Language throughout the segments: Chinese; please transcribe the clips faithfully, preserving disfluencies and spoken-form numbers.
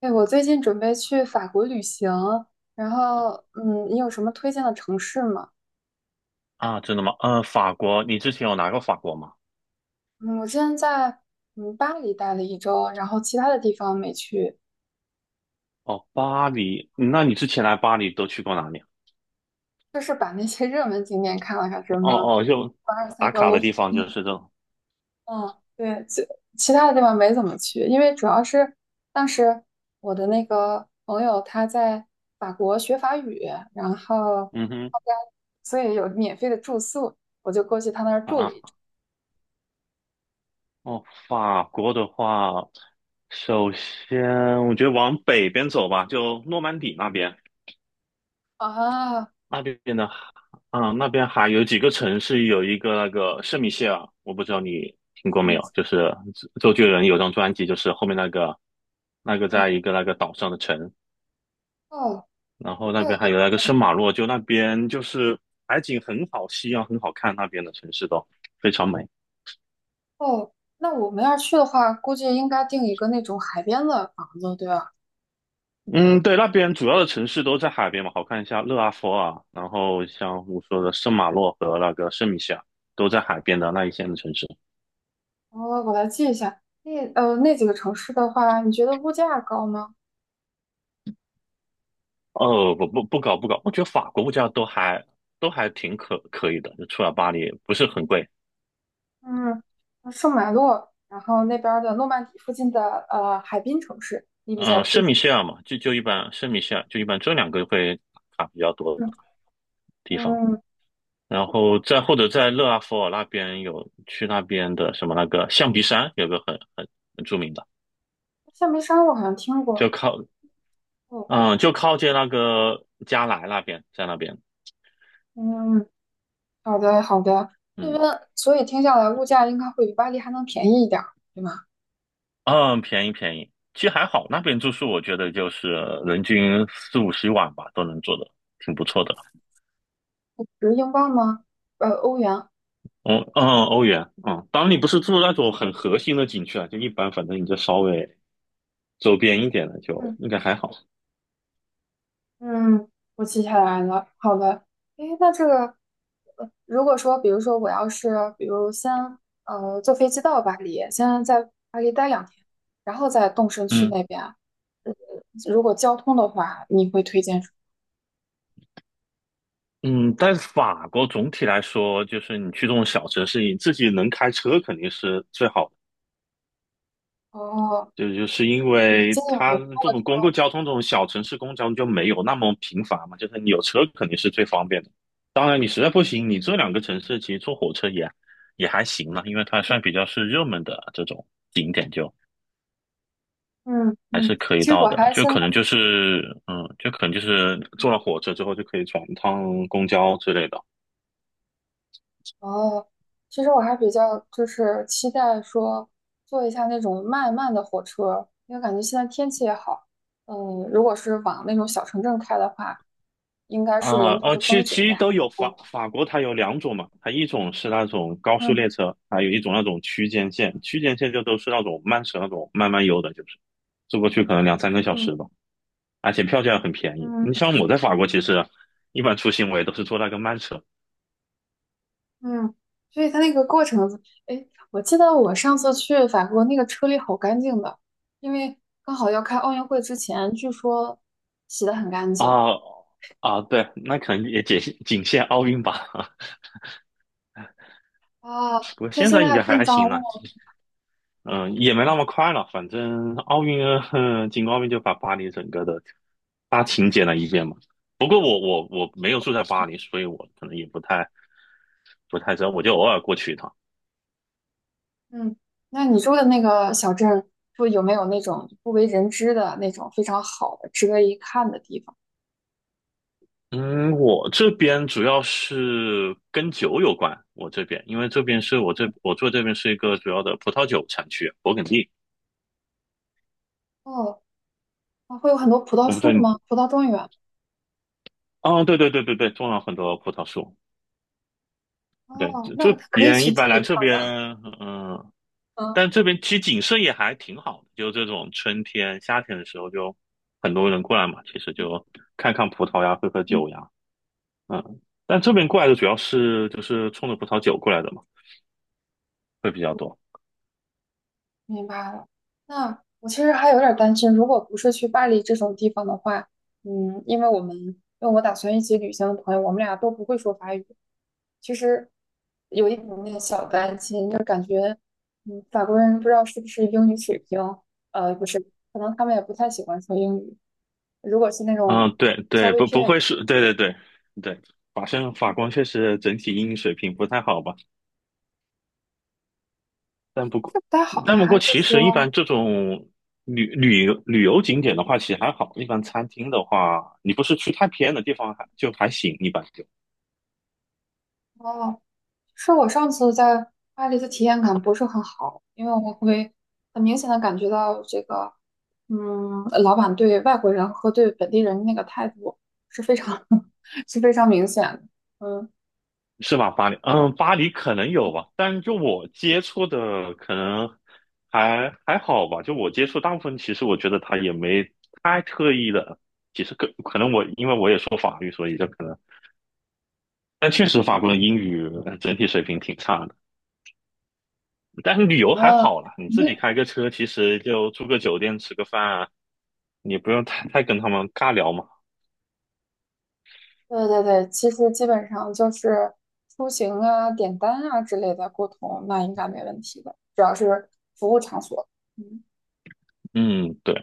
对，我最近准备去法国旅行，然后，嗯，你有什么推荐的城市吗？啊，真的吗？呃，法国，你之前有来过法国吗？嗯，我之前在嗯巴黎待了一周，然后其他的地方没去，哦，巴黎，那你之前来巴黎都去过哪里啊？就是把那些热门景点看了看，什么哦哦，就凡尔赛打宫、卡卢的浮地方就是宫这种。嗯，对，其其他的地方没怎么去，因为主要是当时我的那个朋友他在法国学法语，然后嗯哼，他家所以有免费的住宿，我就过去他那儿啊，哦，法国的话，首先我觉得往北边走吧，就诺曼底那边，啊，那边呢，啊，那边还有几个城市，有一个那个圣米歇尔，我不知道你听过没嗯。有，就是周周杰伦有张专辑，就是后面那个那个嗯在一个那个岛上的城，哦，然后这那边以还有那个圣马洛，就那边就是海景很好，夕阳很好看，那边的城市都非常美。后，那我们要去的话，估计应该订一个那种海边的房子，对吧？嗯，对，那边主要的城市都在海边嘛，好看一下勒阿弗尔，然后像我说的圣马洛和那个圣米歇尔都在海边的那一线的城市。我我来记一下，那呃那几个城市的话，你觉得物价高吗？哦，不不不搞不搞，我觉得法国物价都还都还挺可可以的，就除了巴黎不是很贵。嗯，圣马洛，然后那边儿的诺曼底附近的呃海滨城市，你比较嗯，推圣米荐？歇尔嘛，就就一般，圣米歇尔就一般这两个会打卡比较多嗯的地方。嗯，然后再或者在勒阿弗尔那边有去那边的什么那个象鼻山，有个很很很著名的，夏梅沙我好像听就过靠哦，嗯就靠近那个加莱那边，在那边嗯，好的好的，那边嗯所以听下来物价应该会比巴黎还能便宜一点儿，对吗？嗯便宜便宜，其实还好，那边住宿我觉得就是人均四五十一晚吧，都能做的挺不错的。是英镑吗？呃，欧元。嗯嗯，欧元。嗯，当然你不是住那种很核心的景区啊，就一般，反正你就稍微周边一点的就嗯。应该还好。嗯，我记下来了。好的，诶，那这个，呃如果说，比如说我要是，比如先呃坐飞机到巴黎，先在巴黎待两天，然后再动身去嗯。那边。如果交通的话，你会推荐什嗯，但是法国总体来说，就是你去这种小城市，你自己能开车肯定是最好的。么？哦，就就是因你为建议我它们通这过，种公共交通，这种小城市公共交通就没有那么频繁嘛，就是你有车肯定是最方便的。当然，你实在不行，你这两个城市其实坐火车也也还行了，因为它算比较是热门的这种景点就，嗯还嗯，是可以其实到我的。还就现在，可能就是，嗯，就可能就是坐了火车之后就可以转一趟公交之类的。哦，其实我还比较就是期待说坐一下那种慢慢的火车，因为感觉现在天气也好。嗯，如果是往那种小城镇开的话。应该是啊，沿途哦，的其风实景其也实还都有不法错。法国，它有两种嘛，它一种是那种高速嗯列车，还有一种那种区间线。区间线就都是那种慢车，那种慢慢悠的，就是坐过去可能两三个小嗯时吧，而且票价很便宜。嗯你像我在法国，其实一般出行我也都是坐那个慢车嗯，所以它那个过程子，哎，我记得我上次去法国那个车里好干净的，因为刚好要开奥运会之前，据说洗得很干净啊。啊，对，那可能也仅限仅限奥运吧。啊，不过所以现现在应在该还变还脏行了。了。嗯，也没那么快了，反正奥运嗯，哼进奥运就把巴黎整个的大清点了一遍嘛。不过我我我没有住在巴黎，所以我可能也不太不太知道，我就嗯偶尔过去一趟。嗯，那你住的那个小镇，就有没有那种不为人知的那种非常好的、值得一看的地方？嗯，我这边主要是跟酒有关，我这边因为这边是我这我住这边是一个主要的葡萄酒产区，勃艮第。哦，那会有很多葡萄我不知树道你，吗？葡萄庄园？啊，对对对对对，种了很多葡萄树。对，哦，这这那可以边一去继般续来这看。边，嗯、但嗯这边其实景色也还挺好的，就这种春天、夏天的时候，就很多人过来嘛，其实就看看葡萄呀，喝喝嗯。酒呀，嗯。但这边过来的主要是就是冲着葡萄酒过来的嘛，会比较多。明白了。那我其实还有点儿担心，如果不是去巴黎这种地方的话，嗯，因为我们因为我打算一起旅行的朋友，我们俩都不会说法语，其实有一点点小担心，就感觉，嗯，法国人不知道是不是英语水平，呃，不是，可能他们也不太喜欢说英语。如果是那种嗯，对稍对，微不偏不远，会是，对对对对，法生法官确实整体英语水平不太好吧，但不过是不太好呢，但不还过是其实一说，般这种旅旅游旅游景点的话，其实还好，一般餐厅的话，你不是去太偏的地方还就还行一般。就。哦，是我上次在巴黎的体验感不是很好，因为我会很明显的感觉到这个，嗯，老板对外国人和对本地人那个态度是非常 是非常明显的。嗯是吧？巴黎，嗯，巴黎可能有吧，但就我接触的可能还还好吧。就我接触大部分，其实我觉得他也没太特意的。其实可可能我因为我也说法语，所以就可能，但确实法国人英语整体水平挺差的。但是旅游还嗯好啦，你自己嗯，开个车，其实就住个酒店吃个饭啊，你不用太太跟他们尬聊嘛。对对对，其实基本上就是出行啊、点单啊之类的沟通，那应该没问题的，主要是服务场所。嗯嗯，对。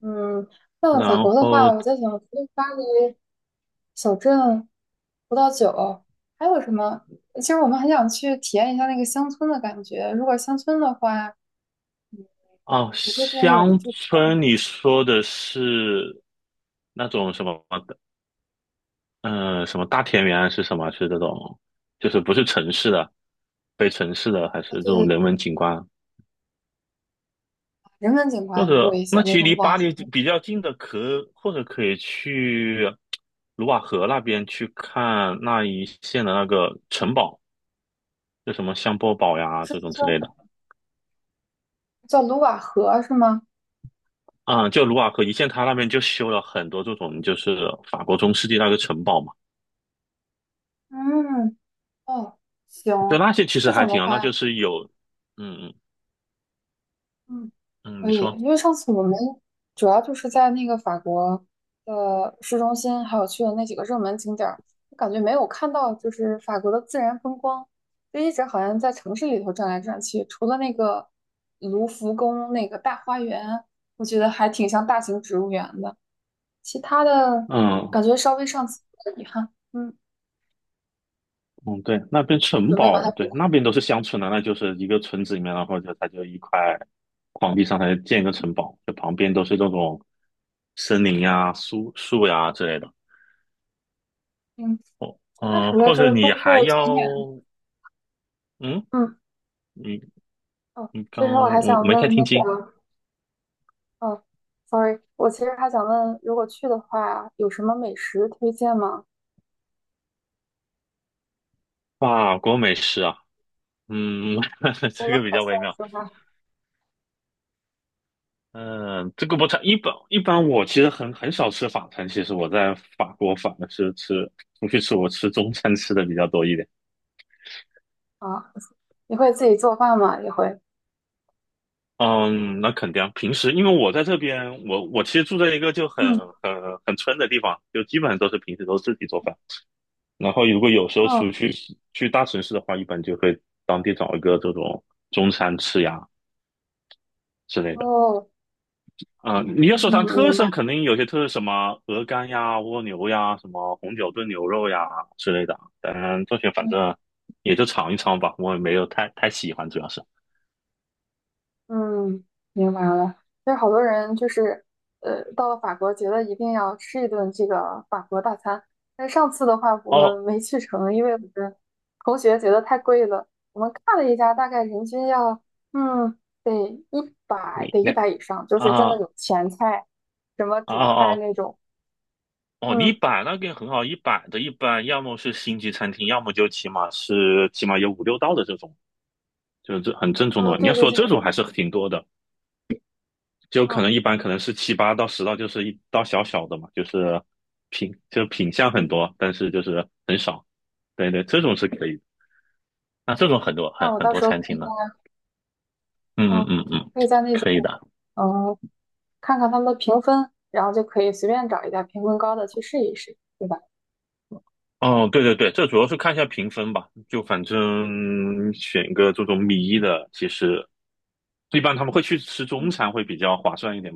嗯，那法然国的话，后我在想，除了巴黎。小镇葡萄酒，还有什么？其实我们很想去体验一下那个乡村的感觉。如果乡村的话，嗯，哦，你会建议我们乡住村你说的是那种什么的，嗯、什么大田园啊是什么啊？是这种，就是不是城市的，非城市的，还是这对种对，人文景观？人文景或观多者，一些，那其那实离种瓦，巴黎红比较近的可，或者可以去卢瓦河那边去看那一线的那个城堡，就什么香波堡呀是这种之叫类什的。么叫卢瓦河是吗？啊、就卢瓦河一线，它那边就修了很多这种，就是法国中世纪那个城堡嘛。嗯，哦，行，对，那些其实这还种的挺好，那就话。是有，嗯嗯嗯，嗯，可你以，说，因为上次我们主要就是在那个法国的市中心，还有去的那几个热门景点儿，我感觉没有看到就是法国的自然风光，就一直好像在城市里头转来转去，除了那个卢浮宫那个大花园，我觉得还挺像大型植物园的，其他的嗯感觉稍微上次有点遗憾，嗯，嗯，对，那边城准备把它堡，补对，回。那边都是乡村的，那就是一个村子里面，然后就它就一块荒地上，它就建一个城堡，就旁边都是这种森林呀、树树呀之类的。嗯，哦，那除嗯、了或就者是住你还宿景要，点，嗯，嗯，你哦，你所以说我刚还我我想没太问听那清，个。哦，sorry，我其实还想问，如果去的话，有什么美食推荐吗？法国美食啊，嗯，除这了个比可较微颂妙。之外，嗯，这个不差。一般一般，我其实很很少吃法餐。其实我在法国反而是吃出去吃，我吃中餐吃的比较多一点。啊，你会自己做饭吗？也会。嗯。那肯定啊。平时因为我在这边，我我其实住在一个就很嗯，很很村的地方，就基本上都是平时都自己做饭。然后如果有时候出哦，去去大城市的话，一般就会当地找一个这种中餐吃呀之类的。哦，啊、你要嗯，说它特明色，白。肯定有些特色，什么鹅肝呀、蜗牛呀、什么红酒炖牛肉呀之类的。当然，这些反嗯。正也就尝一尝吧，我也没有太太喜欢，主要是。嗯，明白了。就是好多人就是，呃，到了法国觉得一定要吃一顿这个法国大餐。但是上次的话，我哦，们没去成，因为我们同学觉得太贵了。我们看了一下，大概人均要，嗯，得一百，你得一那百以上，就是真啊的哦有前菜，什么主菜哦那种。哦，一嗯，百那个很好，一百的一般要么是星级餐厅，要么就起码是起码有五六道的这种，就是这很正宗的哦，嘛。你对要对说对，这种还是挺多的。就可嗯能一般可能是七八到十道，就是一道小小的嘛，就是品就品相很嗯，多，但是就是很少。对对，这种是可以的那这种很多那很我很到多时候可餐以厅在呢，嗯嗯，嗯嗯嗯，可以在那种。可以的。嗯。看看他们的评分，然后就可以随便找一家评分高的去试一试，对吧？哦，对对对，这主要是看一下评分吧，就反正选一个这种米一的，其实一般他们会去吃中嗯，餐会比较划算一点，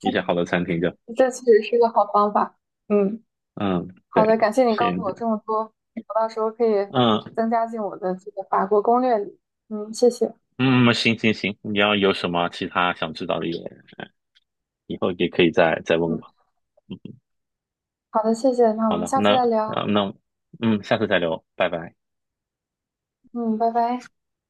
一些好的餐厅就，这确实是个好方法。嗯，嗯，好对，的，感谢你告便诉宜我这点。么多，我到时候可以嗯增加进我的这个法国攻略里。嗯，谢谢。嗯，行行行，你要有什么其他想知道的也以后也可以再再问我。嗯，嗯。好的，谢谢。那我好们了，下次那再聊。啊、那嗯，下次再聊，拜拜。嗯，拜拜。